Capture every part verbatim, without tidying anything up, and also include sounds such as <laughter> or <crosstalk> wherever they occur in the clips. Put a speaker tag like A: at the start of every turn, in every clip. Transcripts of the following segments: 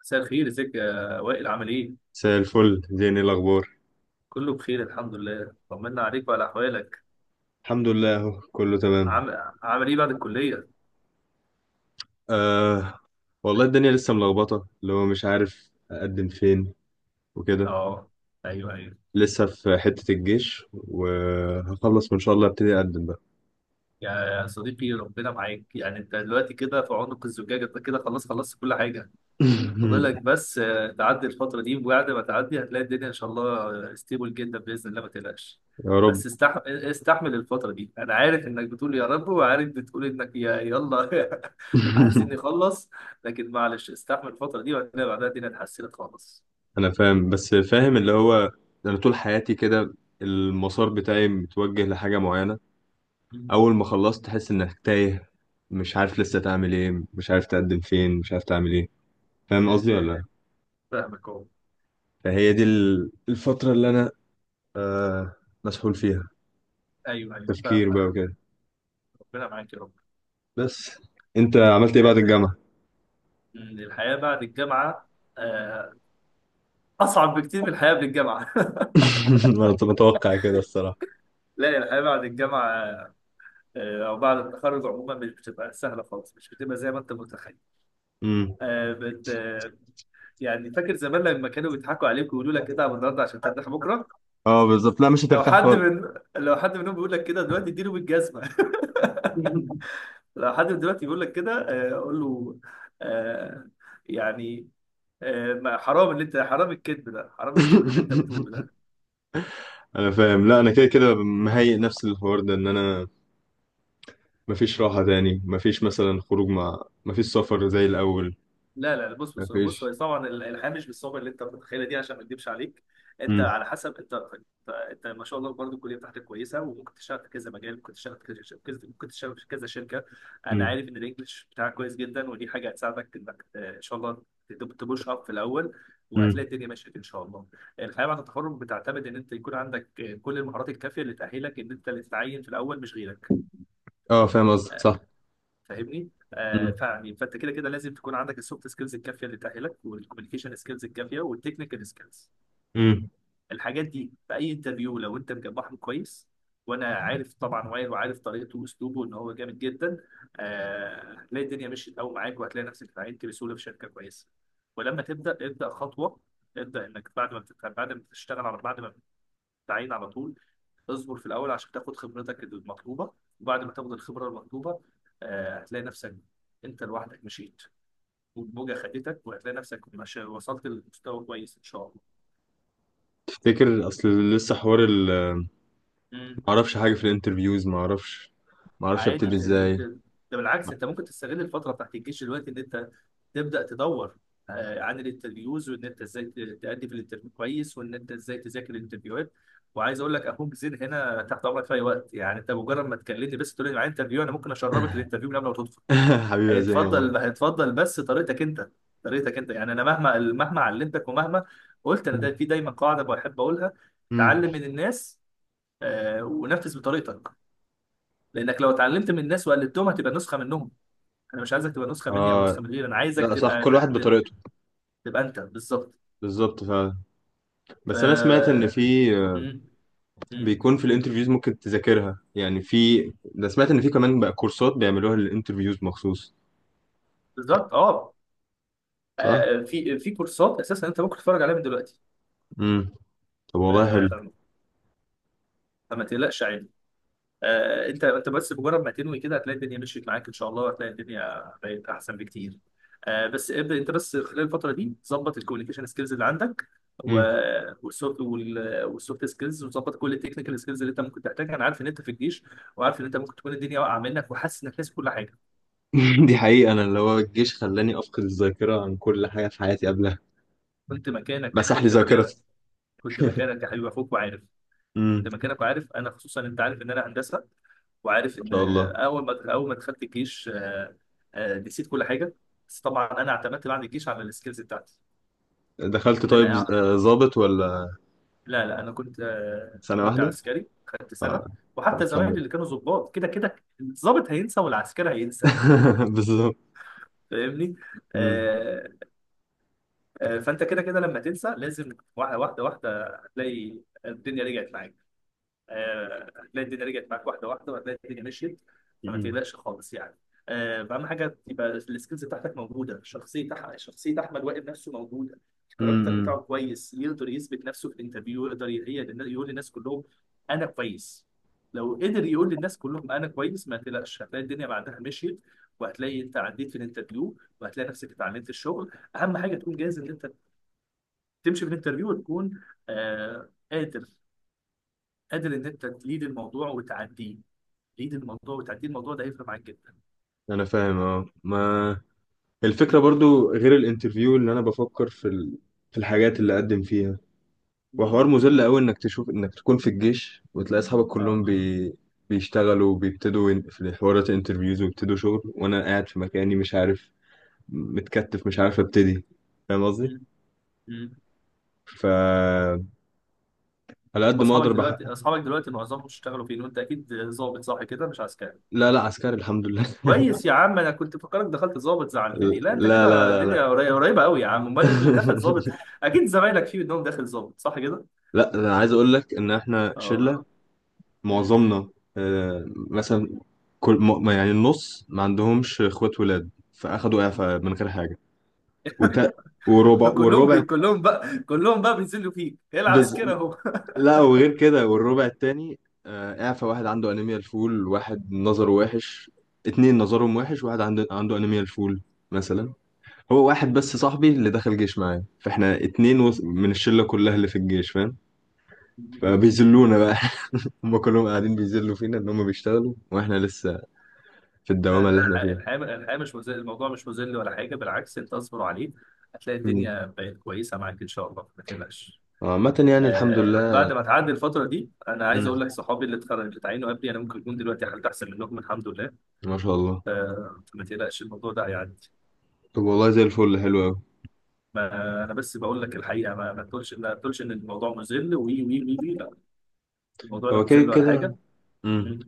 A: مساء الخير، ازيك يا وائل؟ عامل ايه؟
B: مساء الفل زيني الأخبار.
A: كله بخير الحمد لله، طمنا عليك وعلى احوالك.
B: الحمد لله أهو كله تمام.
A: عامل عامل ايه بعد الكلية؟
B: آه. والله الدنيا لسه ملخبطة اللي هو مش عارف أقدم فين وكده.
A: اه. ايوه، ايوه.
B: لسه في حتة الجيش وهخلص وإن شاء الله أبتدي أقدم بقى.
A: يا صديقي ربنا معاك، يعني انت دلوقتي كده في عنق الزجاجة، انت كده خلاص خلصت كل حاجة، فاضلك
B: <laughs>
A: بس. آه، تعدي الفترة دي وبعد ما تعدي هتلاقي الدنيا إن شاء الله ستيبل جدا بإذن الله، ما تقلقش.
B: يا رب.
A: بس استح... آه، استحمل الفترة دي. أنا عارف إنك بتقول يا رب، وعارف بتقول إنك يا يلا <laughs> عايزين
B: <laughs>
A: نخلص، لكن معلش استحمل الفترة دي وهتلاقي بعدها الدنيا اتحسنت خالص.
B: أنا فاهم، بس فاهم اللي هو أنا طول حياتي كده، المسار بتاعي متوجه لحاجة معينة.
A: مم.
B: أول ما خلصت تحس إنك تايه، مش عارف لسه تعمل إيه، مش عارف تقدم فين، مش عارف تعمل إيه. فاهم قصدي
A: مم.
B: ولا لأ؟
A: فاهمك أهو.
B: فهي دي ال- الفترة اللي أنا آه مسحول فيها.
A: أيوه، أيوه،
B: تفكير
A: فاهمك
B: بقى
A: يعني.
B: وكده.
A: ربنا معاك يا رب.
B: بس انت عملت ايه
A: آه،
B: بعد الجامعة؟
A: مم، الحياة بعد الجامعة آه، أصعب بكتير من الحياة قبل الجامعة. <laughs>
B: <laughs> انا كنت متوقع كده الصراحة.
A: لا، الحياة بعد الجامعة، آه، او بعد التخرج عموما، مش بتبقى سهله خالص، مش بتبقى زي ما انت متخيل.
B: امم.
A: آه، بت آه، يعني فاكر زمان لما كانوا بيضحكوا عليك ويقولوا لك اتعب النهارده عشان ترتاح بكره؟
B: اه بالظبط، لا مش
A: لو
B: هترتاح
A: حد
B: خالص.
A: من لو حد منهم بيقول لك كده دلوقتي اديله بالجزمه.
B: <laughs>
A: <laughs> لو حد من دلوقتي بيقول لك كده آه، قول له، آه، يعني آه، ما- حرام اللي انت، حرام الكذب ده، حرام الكذب اللي انت بتقوله ده.
B: انا فاهم. لا انا كده كده مهيئ نفسي للحوار ده، ان انا مفيش راحة تاني، مفيش مثلا خروج مع، مفيش سفر زي الاول.
A: لا لا، بص بص بص،
B: مفيش.
A: هو طبعا الحياه مش بالصعوبه اللي انت متخيلها دي، عشان ما اكدبش عليك. انت
B: امم،
A: على حسب انت انت, انت ما شاء الله برضه الكليه بتاعتك كويسه، وممكن تشتغل في كذا مجال، ممكن تشتغل في كذا كذا- ممكن تشتغل في كذا شركه. انا
B: امم،
A: عارف ان الانجليش بتاعك كويس جدا، ودي حاجه هتساعدك انك آه، ان شاء الله تب- تبوش اب في الاول،
B: امم.
A: وهتلاقي الدنيا مشيت ان شاء الله. الحياه بعد التخرج بتعتمد ان انت يكون عندك آه، كل المهارات الكافيه اللي تاهلك ان انت اللي تتعين في الاول مش غيرك.
B: اه فاهم قصدك صح.
A: فاهمني؟ آه
B: امم،
A: فعني فانت كده كده لازم تكون عندك السوفت سكيلز الكافيه اللي تاهلك، والكوميونيكيشن سكيلز الكافيه، والتكنيكال سكيلز.
B: امم.
A: الحاجات دي في اي انترفيو لو انت مجمعهم كويس، وانا عارف طبعا وائل، وعارف طريقته واسلوبه ان هو جامد جدا، آه، هتلاقي الدنيا مشيت قوي معاك، وهتلاقي نفسك اتعينت بسهوله في شركه كويسه. ولما تبدا ابدا خطوه، ابدا انك بعد ما بتت- بعد ما تشتغل، على بعد ما تتعين على طول، اصبر في الاول عشان تاخد خبرتك المطلوبه. وبعد ما تاخد الخبره المطلوبه، آه، هتلاقي نفسك انت لوحدك مشيت، والموجه خدتك، وهتلاقي نفسك مش وصلت لمستوى كويس ان شاء الله.
B: تفتكر اصل لسه حوار ال
A: مم.
B: معرفش حاجة في الانترفيوز، معرفش، معرفش
A: عادي،
B: ابتدي
A: ت-
B: ازاي.
A: ت- ده بالعكس، انت ممكن تستغل الفتره بتاعت الجيش دلوقتي، ان انت تبدا تدور آه، عن الانترفيوز، وان انت ازاي ت- تأدي في الانترفيو كويس، وان انت ازاي تذاكر الانترفيوهات. وعايز اقول لك، اخوك زين هنا تحت امرك في اي وقت، يعني انت مجرد ما تكلمني بس تقول لي معايا انترفيو، انا ممكن
B: <laughs>
A: اشربك الانترفيو من قبل ما تدخل.
B: <laughs> حبيبي يا زين والله.
A: هيتفضل هيتفضل بس طريقتك انت، طريقتك انت، يعني انا مهما مهما علمتك ومهما قلت، انا ده في
B: <laughs>
A: دايما قاعده بحب اقولها:
B: امم.
A: تعلم من الناس، آه، ونفذ بطريقتك، لانك لو اتعلمت من الناس وقلدتهم هتبقى نسخه منهم. انا مش عايزك تبقى نسخه مني او
B: اه،
A: نسخه من غيري، انا عايزك
B: لا صح،
A: تبقى
B: كل واحد بطريقته.
A: تبقى انت بالظبط
B: بالظبط فعلا.
A: ف
B: بس انا سمعت ان في، آه،
A: م- م-
B: بيكون في الانترفيوز ممكن تذاكرها، يعني في ده، سمعت ان في كمان بقى كورسات بيعملوها للانترفيوز مخصوص.
A: بالظبط اه.
B: صح.
A: آه، في في كورسات اساسا انت ممكن تتفرج عليها من دلوقتي.
B: امم. طب والله
A: آه،
B: حلو.
A: فما فما تقلقش. آه، انت انت بس بمجرد ما تنوي كده، هتلاقي الدنيا مشيت معاك ان شاء الله، وهتلاقي الدنيا بقت احسن بكتير. آه، بس ابدا انت بس خلال الفتره دي ظبط الكوميونيكيشن سكيلز اللي عندك،
B: امم.
A: والسوفت والسوفت سكيلز، وظبط كل التكنيكال سكيلز اللي انت ممكن تحتاجها. انا عارف ان انت في الجيش، وعارف ان انت ممكن تكون الدنيا واقعه منك وحاسس انك ناسي كل حاجه.
B: <laughs> دي حقيقة، انا اللي هو الجيش خلاني افقد الذاكرة عن كل حاجة في حياتي قبلها.
A: كنت مكانك،
B: مسح لي
A: كنت مكانك،
B: ذاكرتي.
A: كنت
B: <laughs>
A: مكانك يا حبيبي، اخوك وعارف،
B: امم.
A: زي ما كانك عارف. انا خصوصا انت عارف ان انا هندسه، وعارف
B: ما
A: ان
B: شاء الله.
A: اول ما اول ما دخلت الجيش، آه، آه، نسيت كل حاجه. بس طبعا انا اعتمدت بعد الجيش على السكيلز بتاعتي،
B: دخلت
A: ان
B: طيب
A: انا
B: ز-
A: أع-
B: آه، ضابط ولا؟
A: لا لا، انا كنت آه،
B: سنة
A: كنت
B: واحدة.
A: عسكري خدت سنه.
B: اه. طب
A: وحتى
B: الحمد
A: زمايلي
B: لله.
A: اللي كانوا ضباط، كده كده الضابط هينسى والعسكري هينسى.
B: <laughs> بالظبط.
A: فاهمني.
B: امم،
A: آه، آه، فانت كده كده لما تنسى لازم، واحده واحده واحده هتلاقي الدنيا رجعت معاك. آه، هتلاقي الدنيا رجعت معاك واحده واحده، وهتلاقي الدنيا مشيت. فما تقلقش خالص يعني. آه، اهم حاجه تبقى السكيلز بتاعتك موجوده، شخصيه أح- شخصيه احمد وائل نفسه موجوده، الكاركتر
B: امم.
A: بتاعه كويس، يقدر يثبت نفسه في الانترفيو، يقدر ي- هي- يقول للناس كلهم انا كويس. لو قدر يقول للناس كلهم انا كويس، ما تقلقش هتلاقي الدنيا بعدها مشيت، وهتلاقي انت عديت في الانترفيو، وهتلاقي نفسك اتعلمت الشغل. اهم حاجه تكون جاهز ان انت تمشي في الانترفيو، وتكون آه قادر، قادر ان انت تليد الموضوع وتعديه. تليد الموضوع وتعديه، الموضوع ده هيفرق معاك جدا.
B: انا فاهم. اه، ما الفكره
A: امم.
B: برضو غير الانترفيو اللي انا بفكر في ال... في الحاجات اللي اقدم فيها. وحوار
A: امم.
B: مذل قوي، انك تشوف انك تكون في الجيش وتلاقي اصحابك
A: اه.
B: كلهم بي... بيشتغلوا وبيبتدوا ين- في حوارات انترفيوز، ويبتدوا شغل، وانا قاعد في مكاني مش عارف، متكتف مش عارف ابتدي. فاهم قصدي.
A: امم. امم.
B: ف على
A: أما
B: قد ما
A: اصحابك
B: اقدر بح...
A: دلوقتي، اصحابك دلوقتي معظمهم اشتغلوا فين؟ وانت اكيد ظابط صح كده، مش عسكري؟
B: لا لا، عسكري الحمد لله.
A: كويس يا
B: <laughs>
A: عم، انا كنت فكرك دخلت ظابط زعلتني، لا انت
B: لا لا
A: كده
B: لا لا.
A: الدنيا قري- قريبه قوي يا عم. امال اللي دخل ظابط؟
B: <laughs>
A: اكيد زمايلك فيه منهم داخل ظابط صح كده؟
B: لا، انا عايز اقول لك ان احنا
A: اه.
B: شله
A: أمم.
B: معظمنا. آه، مثلا كل م- يعني النص ما عندهمش اخوات ولاد، فاخدوا اعفاء من غير حاجه. وت... وربع،
A: فكلهم <laughs> بي...
B: والربع
A: كلهم بقى كلهم بقى بينزلوا فيك
B: بز...
A: العسكري اهو.
B: لا وغير كده، والربع التاني آه، اعفاء. واحد عنده انيميا الفول، واحد نظره وحش، اتنين نظرهم وحش، واحد عنده عنده انيميا الفول مثلا. هو واحد بس صاحبي اللي دخل جيش معايا، فاحنا اتنين وس- من الشله كلها اللي في الجيش، فاهم.
A: <laughs>
B: فبيذلونا بقى. <laughs> هم كلهم قاعدين بيذلوا فينا ان هم بيشتغلوا واحنا لسه في
A: لا
B: الدوامه
A: لا،
B: اللي احنا
A: الحياة، الحياة الحياة مش مذل، الموضوع مش مذل ولا حاجة، بالعكس أنت اصبر عليه، هتلاقي
B: فيها.
A: الدنيا بقت كويسة معاك إن شاء الله، ما تقلقش.
B: عامة يعني الحمد
A: آه ب- بعد
B: لله.
A: ما تعدي الفترة دي أنا عايز
B: مم.
A: أقول لك، صحابي اللي اتخرجوا، اللي اتعينوا قبلي، أنا ممكن يكون دلوقتي حالتي أحسن منهم الحمد لله.
B: ما شاء الله.
A: آه فما تقلقش، الموضوع ده هيعدي.
B: طب والله زي الفل، حلو أوي.
A: ما أنا بس بقول لك الحقيقة، ما, ما تقولش ما تقولش إن الموضوع مذل وي وي وي وي لا، الموضوع لا
B: هو كده
A: مذل ولا
B: كده.
A: حاجة.
B: مم.
A: مم.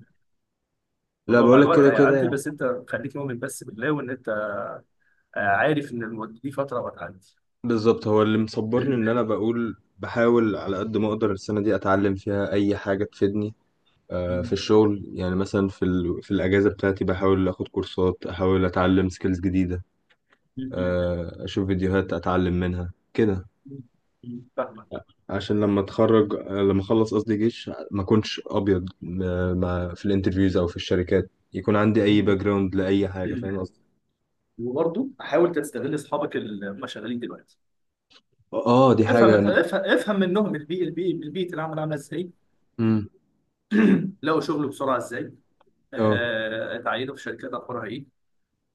B: لا
A: الموضوع مع
B: بقولك
A: الوقت
B: كده
A: هيعدي،
B: كده.
A: بس أنت خليك مؤمن بس بالله، وإن أنت آه، عارف إن الم- دي فترة وهتعدي.
B: بالظبط، هو اللي مصبرني إن أنا بقول بحاول على قد ما أقدر السنة دي أتعلم فيها أي حاجة تفيدني، آه، في
A: <clears throat>
B: الشغل يعني. مثلا في ال... في الأجازة بتاعتي بحاول آخد كورسات، أحاول أتعلم سكيلز جديدة،
A: مم.
B: آه، أشوف فيديوهات أتعلم منها كده،
A: مم. مم. فاهمك.
B: عشان لما اتخرج، لما اخلص قصدي جيش، ما اكونش ابيض ما ما- في الانترفيوز او في الشركات، يكون عندي اي باك
A: مم.
B: جراوند لاي حاجه.
A: <clears throat>
B: فاهم قصدي.
A: وبرضه حاول تستغل اصحابك اللي هم شغالين دلوقتي.
B: اه دي
A: افهم
B: حاجه انا.
A: افهم افهم منهم البيئه البيئه البيئه، العمل عامله ازاي؟
B: امم.
A: لقوا شغل بسرعه ازاي؟
B: اه.
A: آه، اتعينوا في شركات اخبارها ايه؟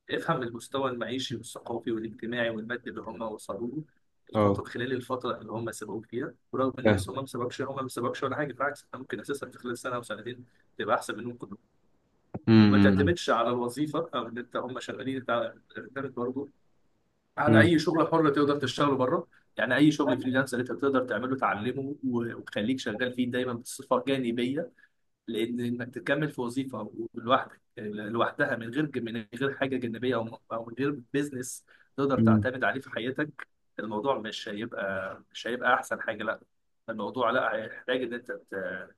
A: افهم المستوى المعيشي والثقافي والاجتماعي والمادي اللي هم وصلوا له
B: اه
A: الفتره خلال الفتره اللي هم سبقوك فيها. ورغم ان مش،
B: فاهم.
A: هم ما سبقوش هم ما سبقوش ولا حاجه، بالعكس انت ممكن اساسا في خلال سنه او سنتين تبقى احسن منهم كلهم. ما
B: امم،
A: تعتمدش على الوظيفه او ان انت هم شغالين، انت تعتمد برضه على
B: امم.
A: اي شغل حر تقدر تشتغله بره، يعني اي شغل فريلانس اللي انت تقدر تعمله تعلمه، و- وتخليك شغال فيه دايما بصفه جانبيه. لان انك تكمل في وظيفه لوحدك لوحدها، من غير من غير حاجه جانبيه، او او من غير بيزنس تقدر
B: أمم.
A: تعتمد عليه في حياتك، الموضوع مش هيبقى، مش هيبقى احسن حاجه. لا، الموضوع لا، هيحتاج ان انت تت-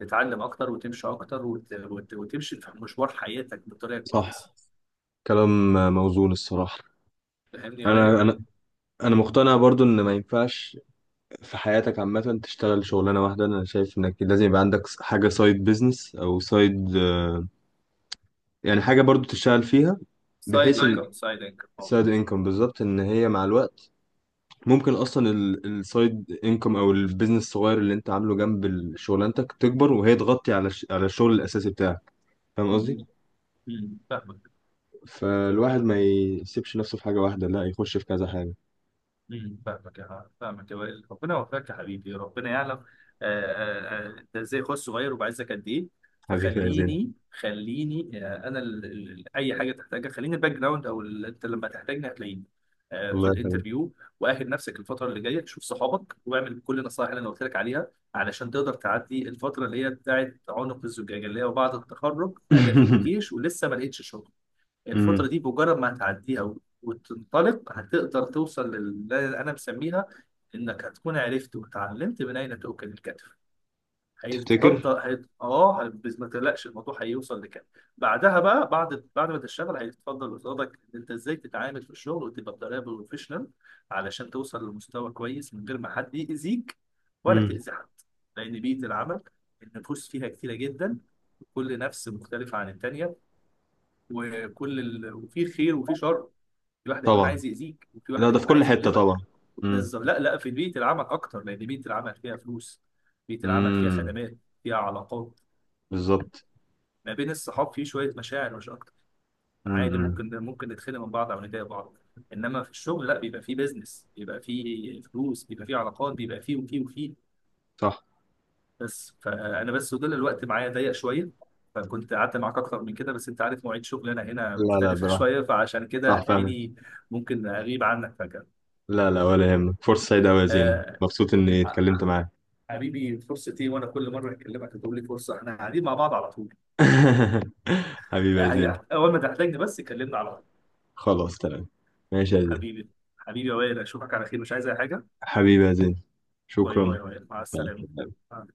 A: تتعلم اكتر وتمشي اكتر، وت- وت- وتمشي في مشوار حياتك بطريقه كويسه.
B: صح. كلام موزون الصراحه.
A: فاهمني يا
B: انا
A: وائل؟
B: انا انا مقتنع برضو ان ما ينفعش في حياتك عامه تشتغل شغلانه واحده. انا شايف انك لازم يبقى عندك حاجه سايد بيزنس، او سايد، يعني حاجه برضو تشتغل فيها.
A: سايد
B: بحيث ان
A: انكم، سايد انكم.
B: سايد انكم، بالظبط، ان هي مع الوقت ممكن اصلا السايد انكم او البيزنس الصغير اللي انت عامله جنب ال- شغلانتك، تكبر وهي تغطي على الش- على الشغل الاساسي بتاعك. فاهم قصدي.
A: امم فاهمك.
B: فالواحد ما يسيبش نفسه في حاجه واحده، لا يخش في كذا حاجه.
A: امم فاهمك يا فاهمك يا وائل، ربنا يوفقك يا حبيبي، ربنا يعلم آه، آه، آه، انت ازاي اخويا الصغير، وبعزك قد ايه.
B: حبيبي يا زين.
A: فخليني خليني، آه، انا ال- ال- اي حاجه تحتاجها خليني، الباك جراوند او ال- انت لما تحتاجني هتلاقيني آه، في
B: الله يخليك.
A: الانترفيو. واهل نفسك الفتره اللي جايه، شوف صحابك، واعمل كل النصائح اللي انا قلت لك عليها، علشان تقدر تعدي الفتره اللي هي بتاعت عنق الزجاجه، اللي هي بعد التخرج: انا في الجيش
B: <laughs>
A: ولسه ما لقيتش شغل.
B: امم.
A: الفترة دي بمجرد ما هتعديها، و- وتنطلق، هتقدر توصل للي أنا مسميها، إنك هتكون عرفت وتعلمت من أين تؤكل الكتف.
B: تفتكر.
A: هيتفضل هيت... اه هي- بس ما تقلقش، الموضوع هيوصل لكده. بعدها بقى، بعد بعد ما تشتغل، هيتفضل قصادك ان انت ازاي تتعامل في الشغل، وتبقى بطريقه بروفيشنال، علشان توصل لمستوى كويس من غير ما حد يأذيك ولا
B: امم.
A: تأذي حد. لان بيئه العمل النفوس فيها كتيره جدا، كل نفس مختلفه عن التانيه، وكل ال... وفي خير وفي شر، في واحد هيكون
B: طبعا.
A: عايز يأذيك، وفي
B: لا
A: واحد
B: ده في
A: هيكون
B: كل
A: عايز
B: حته
A: يخدمك.
B: طبعا. امم،
A: بس لا لا، في بيئة العمل أكتر، لأن بيئة العمل فيها فلوس، بيئة العمل فيها
B: امم،
A: خدمات، فيها علاقات.
B: بالظبط،
A: ما بين الصحاب في شوية مشاعر مش أكتر، عادي
B: امم.
A: ممكن ممكن نتخانق من بعض أو نضايق بعض، إنما في الشغل لا، بيبقى فيه بيزنس، بيبقى فيه فلوس، بيبقى فيه علاقات، بيبقى فيه وفيه وفيه.
B: صح.
A: بس، فانا بس وجل الوقت معايا ضيق شويه، فكنت قعدت معاك اكتر من كده، بس انت عارف مواعيد شغلي انا هنا
B: لا لا،
A: مختلفه <laughs>
B: براحة.
A: شويه، فعشان كده
B: صح فاهم.
A: هتلاقيني ممكن اغيب عنك فجاه.
B: لا لا، ولا يهمك. فرصه سعيده أوي يا زين،
A: آه،
B: مبسوط اني اتكلمت معاك.
A: حبيبي فرصتي، وانا كل مره اكلمك هتقول لي فرصه، احنا قاعدين مع بعض على طول.
B: <laughs> حبيبي يا زين.
A: آه، اول ما تحتاجني بس كلمني على طول.
B: خلاص تمام. ماشي يا زين.
A: حبيبي، حبيبي يا وائل، اشوفك على خير، مش عايز اي حاجه.
B: حبيبي يا زين.
A: باي
B: شكرا.
A: باي يا وائل، مع
B: مع
A: السلامه.
B: السلامة.
A: آه.